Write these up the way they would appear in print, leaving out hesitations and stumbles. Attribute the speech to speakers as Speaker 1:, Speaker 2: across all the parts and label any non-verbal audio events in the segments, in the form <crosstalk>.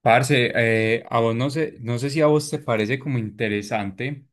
Speaker 1: Parce, a vos no sé, no sé si a vos te parece como interesante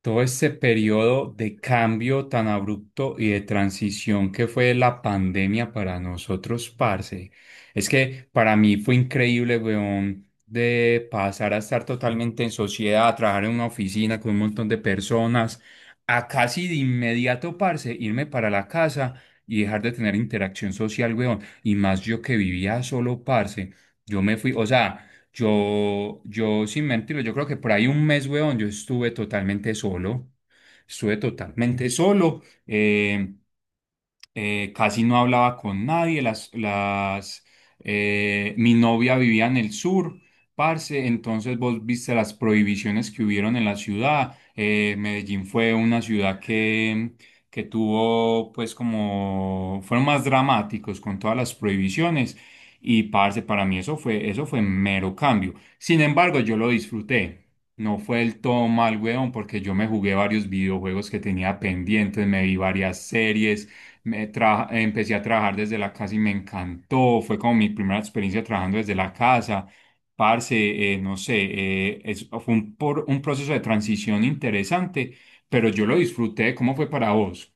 Speaker 1: todo este periodo de cambio tan abrupto y de transición que fue la pandemia para nosotros, parce. Es que para mí fue increíble, weón, de pasar a estar totalmente en sociedad, a trabajar en una oficina con un montón de personas, a casi de inmediato, parce, irme para la casa y dejar de tener interacción social, weón. Y más yo que vivía solo, parce. Yo me fui, o sea. Yo, sin mentirlo, yo creo que por ahí un mes, weón, yo estuve totalmente solo. Estuve totalmente solo. Casi no hablaba con nadie, mi novia vivía en el sur, parce, entonces vos viste las prohibiciones que hubieron en la ciudad. Medellín fue una ciudad que tuvo pues como, fueron más dramáticos con todas las prohibiciones. Y parce, para mí eso fue mero cambio, sin embargo yo lo disfruté. No fue el todo mal, weón, porque yo me jugué varios videojuegos que tenía pendientes, me vi varias series, empecé a trabajar desde la casa y me encantó. Fue como mi primera experiencia trabajando desde la casa. Parce, no sé, fue un proceso de transición interesante, pero yo lo disfruté. ¿Cómo fue para vos?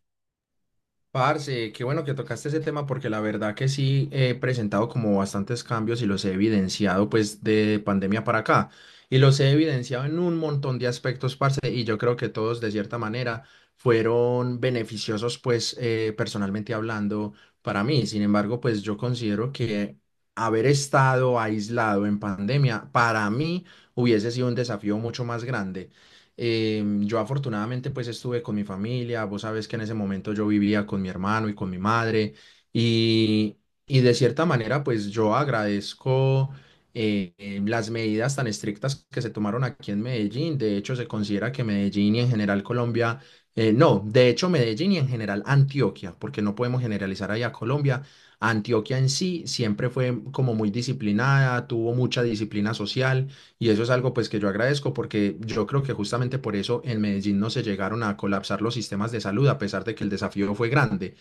Speaker 2: Parce, qué bueno que tocaste ese tema porque la verdad que sí he presentado como bastantes cambios y los he evidenciado pues de pandemia para acá y los he evidenciado en un montón de aspectos, parce, y yo creo que todos de cierta manera fueron beneficiosos pues personalmente hablando para mí. Sin embargo, pues yo considero que haber estado aislado en pandemia para mí hubiese sido un desafío mucho más grande. Yo afortunadamente pues estuve con mi familia, vos sabes que en ese momento yo vivía con mi hermano y con mi madre y, y de cierta manera pues yo agradezco las medidas tan estrictas que se tomaron aquí en Medellín. De hecho se considera que Medellín y en general Colombia, no, de hecho Medellín y en general Antioquia, porque no podemos generalizar ahí a Colombia. Antioquia en sí siempre fue como muy disciplinada, tuvo mucha disciplina social. Y eso es algo pues que yo agradezco porque yo creo que justamente por eso en Medellín no se llegaron a colapsar los sistemas de salud a pesar de que el desafío fue grande.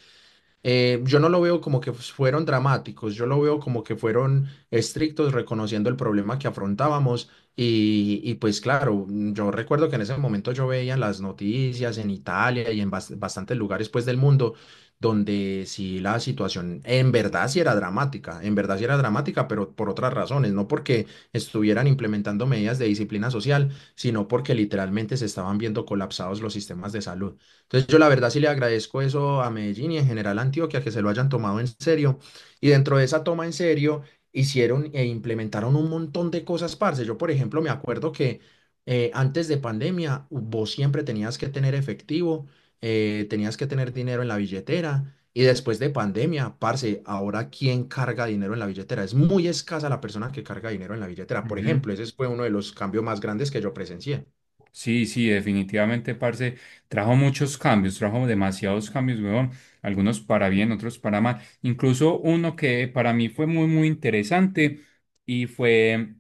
Speaker 2: Yo no lo veo como que fueron dramáticos, yo lo veo como que fueron estrictos reconociendo el problema que afrontábamos y pues claro, yo recuerdo que en ese momento yo veía en las noticias en Italia y en bastantes lugares pues del mundo donde sí la situación en verdad sí era dramática, en verdad sí era dramática, pero por otras razones, no porque estuvieran implementando medidas de disciplina social, sino porque literalmente se estaban viendo colapsados los sistemas de salud. Entonces yo la verdad sí le agradezco eso a Medellín y en general a Antioquia, que se lo hayan tomado en serio. Y dentro de esa toma en serio, hicieron e implementaron un montón de cosas, parce. Yo, por ejemplo, me acuerdo que antes de pandemia, vos siempre tenías que tener efectivo, tenías que tener dinero en la billetera. Y después de pandemia, parce, ahora ¿quién carga dinero en la billetera? Es muy escasa la persona que carga dinero en la billetera. Por
Speaker 1: Ujú.
Speaker 2: ejemplo, ese fue uno de los cambios más grandes que yo presencié.
Speaker 1: Sí, sí, definitivamente, parce, trajo muchos cambios, trajo demasiados cambios, weón. Algunos para bien, otros para mal. Incluso uno que para mí fue muy, muy interesante y fue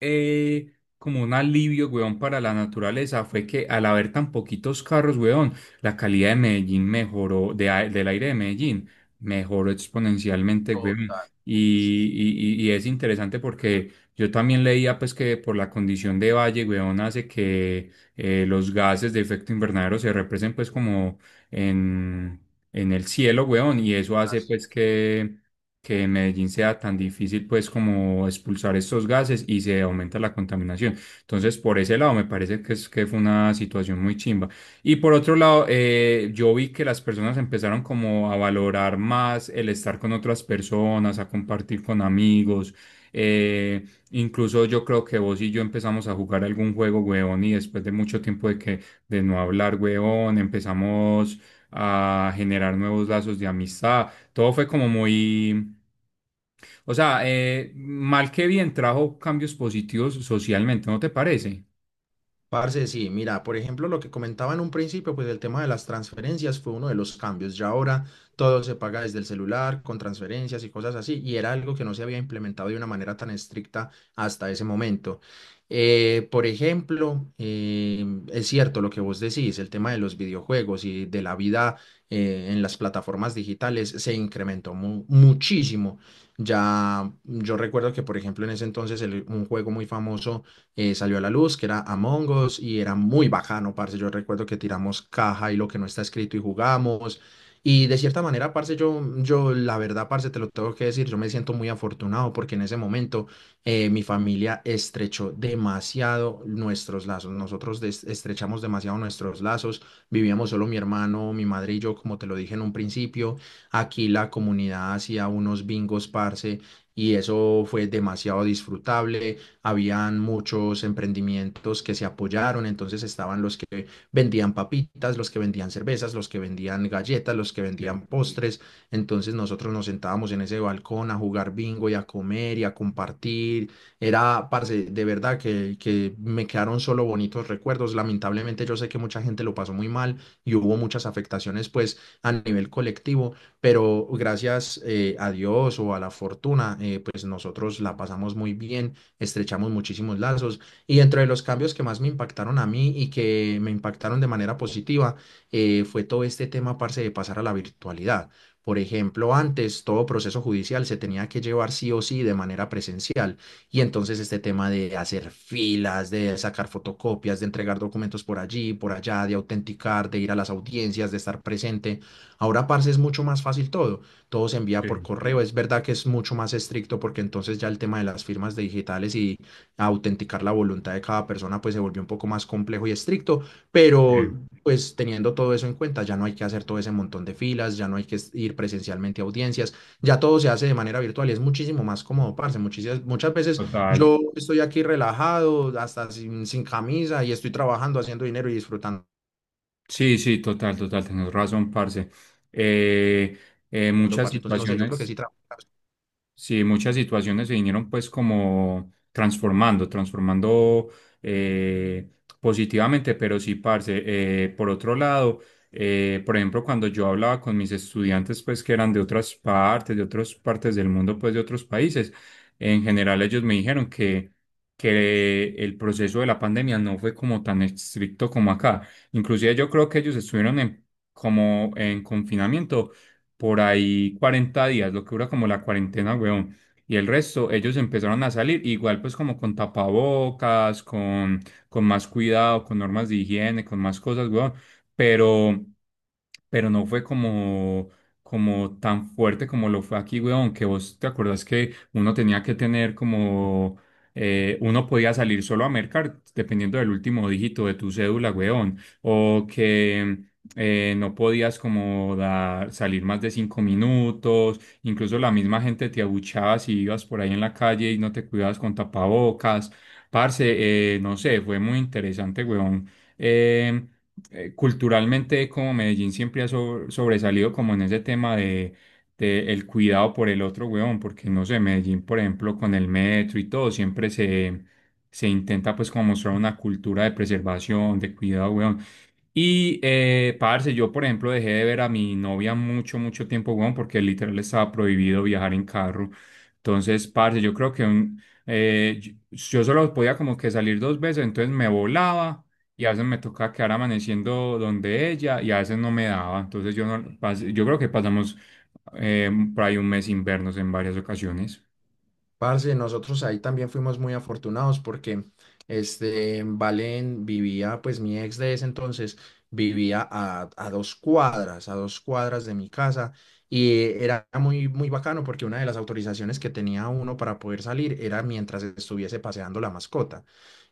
Speaker 1: eh, como un alivio, weón, para la naturaleza fue que al haber tan poquitos carros, weón, la calidad de Medellín mejoró, del aire de Medellín mejoró exponencialmente, weón. Y es interesante porque yo también leía pues que por la condición de valle, weón, hace que los gases de efecto invernadero se represen pues como en, en el cielo, weón, y eso hace pues que en Medellín sea tan difícil pues como expulsar estos gases y se aumenta la contaminación. Entonces, por ese lado, me parece que fue una situación muy chimba. Y por otro lado, yo vi que las personas empezaron como a valorar más el estar con otras personas, a compartir con amigos. Eh, incluso yo creo que vos y yo empezamos a jugar algún juego, huevón, y después de mucho tiempo de que de no hablar, huevón, empezamos a generar nuevos lazos de amistad todo fue como muy, o sea, mal que bien trajo cambios positivos socialmente, ¿no te parece?
Speaker 2: Parce, sí, mira, por ejemplo, lo que comentaba en un principio, pues el tema de las transferencias fue uno de los cambios. Ya ahora todo se paga desde el celular, con transferencias y cosas así, y era algo que no se había implementado de una manera tan estricta hasta ese momento. Por ejemplo, es cierto lo que vos decís, el tema de los videojuegos y de la vida en las plataformas digitales se incrementó muchísimo. Ya yo recuerdo que, por ejemplo, en ese entonces un juego muy famoso salió a la luz, que era Among Us y era muy bacano, parce. Yo recuerdo que tiramos caja y lo que no está escrito y jugamos. Y de cierta manera, parce, yo la verdad, parce, te lo tengo que decir, yo me siento muy afortunado porque en ese momento mi familia estrechó demasiado nuestros lazos. Nosotros estrechamos demasiado nuestros lazos. Vivíamos solo mi hermano, mi madre y yo, como te lo dije en un principio. Aquí la comunidad hacía unos bingos, parce, y eso fue demasiado disfrutable. Habían muchos emprendimientos que se apoyaron, entonces estaban los que vendían papitas, los que vendían cervezas, los que vendían galletas, los que vendían postres, entonces nosotros nos sentábamos en ese balcón a jugar bingo y a comer y a compartir. Era, parce, de verdad que me quedaron solo bonitos recuerdos. Lamentablemente yo sé que mucha gente lo pasó muy mal y hubo muchas afectaciones pues a nivel colectivo, pero gracias a Dios o a la fortuna, pues nosotros la pasamos muy bien, estrechamos muchísimos lazos. Y dentro de los cambios que más me impactaron a mí y que me impactaron de manera positiva, fue todo este tema, parce, de pasar a la virtualidad. Por ejemplo, antes todo proceso judicial se tenía que llevar sí o sí de manera presencial. Y entonces este tema de hacer filas, de sacar fotocopias, de entregar documentos por allí, por allá, de autenticar, de ir a las audiencias, de estar presente. Ahora, parce, es mucho más fácil todo, todo se envía
Speaker 1: Sí,
Speaker 2: por correo. Es verdad que es mucho más estricto porque entonces ya el tema de las firmas digitales y autenticar la voluntad de cada persona pues se volvió un poco más complejo y estricto, pero
Speaker 1: sí,
Speaker 2: pues teniendo todo eso en cuenta ya no hay que hacer todo ese montón de filas, ya no hay que ir presencialmente a audiencias, ya todo se hace de manera virtual y es muchísimo más cómodo, parce. Muchísimas, muchas veces
Speaker 1: total.
Speaker 2: yo estoy aquí relajado, hasta sin camisa y estoy trabajando, haciendo dinero y disfrutando,
Speaker 1: Sí, sí, total, total, tenés razón, parce. Eh, Muchas
Speaker 2: parce. Entonces no sé, yo creo que
Speaker 1: situaciones.
Speaker 2: sí trabaja.
Speaker 1: Sí, muchas situaciones se vinieron pues como transformando eh, positivamente, pero sí, parce, por otro lado, por ejemplo, cuando yo hablaba con mis estudiantes pues que eran de otras partes del mundo, pues de otros países, en general ellos me dijeron que el proceso de la pandemia no fue como tan estricto como acá. Inclusive yo creo que ellos estuvieron como en confinamiento por ahí 40 días, lo que dura como la cuarentena, weón. Y el resto, ellos empezaron a salir, igual pues como con tapabocas, con más cuidado, con normas de higiene, con más cosas, weón. Pero, pero no fue como, tan fuerte como lo fue aquí, weón, que vos te acordás que uno tenía que tener como. Uno podía salir solo a mercar dependiendo del último dígito de tu cédula, weón. O que no podías como dar, salir más de 5 minutos, incluso la misma gente te abuchaba si ibas por ahí en la calle y no te cuidabas con tapabocas. Parce, no sé, fue muy interesante, weón. Eh, Culturalmente, como Medellín siempre ha sobresalido como en ese tema de el cuidado por el otro, weón, porque no sé, Medellín, por ejemplo, con el metro y todo, siempre se intenta pues como mostrar una cultura de preservación, de cuidado, weón. Y, parce, yo, por ejemplo, dejé de ver a mi novia mucho, mucho tiempo, weón, porque literal estaba prohibido viajar en carro. Entonces, parce, yo creo que un, yo yo solo podía como que salir dos veces, entonces me volaba y a veces me tocaba quedar amaneciendo donde ella y a veces no me daba. Entonces, yo, no, yo creo que pasamos por ahí un mes sin vernos en varias ocasiones.
Speaker 2: Parce, nosotros ahí también fuimos muy afortunados porque este, en Valen vivía, pues mi ex de ese entonces vivía a dos cuadras de mi casa y era muy, muy bacano porque una de las autorizaciones que tenía uno para poder salir era mientras estuviese paseando la mascota.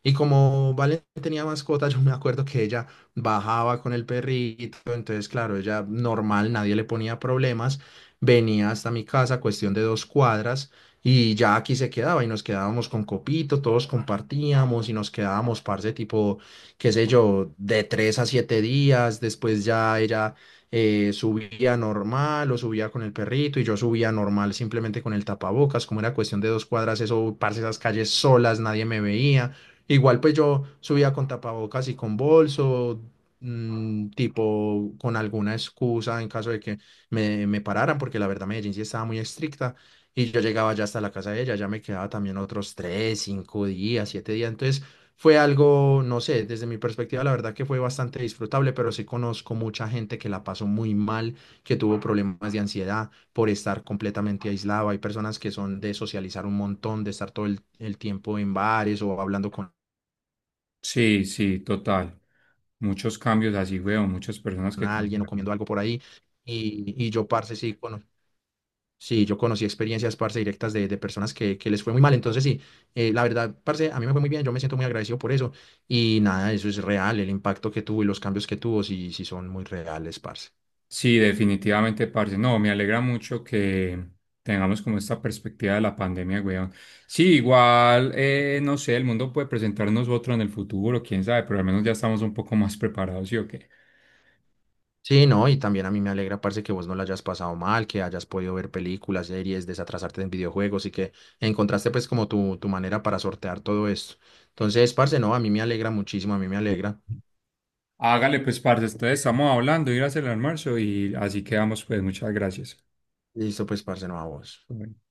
Speaker 2: Y como Valen tenía mascota, <laughs> yo me acuerdo que ella bajaba con el perrito, entonces claro, ella normal, nadie le ponía problemas, venía hasta mi casa, cuestión de dos cuadras y ya aquí se quedaba y nos quedábamos con copito, todos compartíamos y nos quedábamos, parce, tipo, qué sé yo, de tres a siete días. Después ya ella subía normal o subía con el perrito y yo subía normal simplemente con el tapabocas. Como era cuestión de dos cuadras, eso, parce, esas calles solas, nadie me veía. Igual pues yo subía con tapabocas y con bolso, tipo, con alguna excusa en caso de que me pararan, porque la verdad Medellín sí estaba muy estricta y yo llegaba ya hasta la casa de ella, ya me quedaba también otros tres, cinco días, siete días. Entonces fue algo, no sé, desde mi perspectiva, la verdad que fue bastante disfrutable, pero sí conozco mucha gente que la pasó muy mal, que tuvo problemas de ansiedad por estar completamente aislado. Hay personas que son de socializar un montón, de estar todo el tiempo en bares o hablando con
Speaker 1: Sí, sí, total. Muchos cambios así, weón, muchas personas que
Speaker 2: alguien o
Speaker 1: cambian.
Speaker 2: comiendo algo por ahí. Y yo, parce, sí, cono- Sí, yo conocí experiencias, parce, directas de personas que les fue muy mal. Entonces, sí, la verdad, parce, a mí me fue muy bien. Yo me siento muy agradecido por eso. Y nada, eso es real. El impacto que tuvo y los cambios que tuvo, sí, sí son muy reales, parce.
Speaker 1: Sí, definitivamente, parce. No, me alegra mucho que tengamos como esta perspectiva de la pandemia, weón. Sí, igual, no sé, el mundo puede presentarnos otro en el futuro, quién sabe, pero al menos ya estamos un poco más preparados, ¿sí o qué?
Speaker 2: Sí, no, y también a mí me alegra, parce, que vos no la hayas pasado mal, que hayas podido ver películas, series, desatrasarte en videojuegos y que encontraste, pues, como tu manera para sortear todo esto. Entonces, parce, no, a mí me alegra muchísimo, a mí me alegra.
Speaker 1: Hágale, pues, parce, entonces estamos hablando, ir a hacer el almuerzo y así quedamos, pues, muchas gracias.
Speaker 2: Listo, pues, parce, no, a vos.
Speaker 1: Bueno.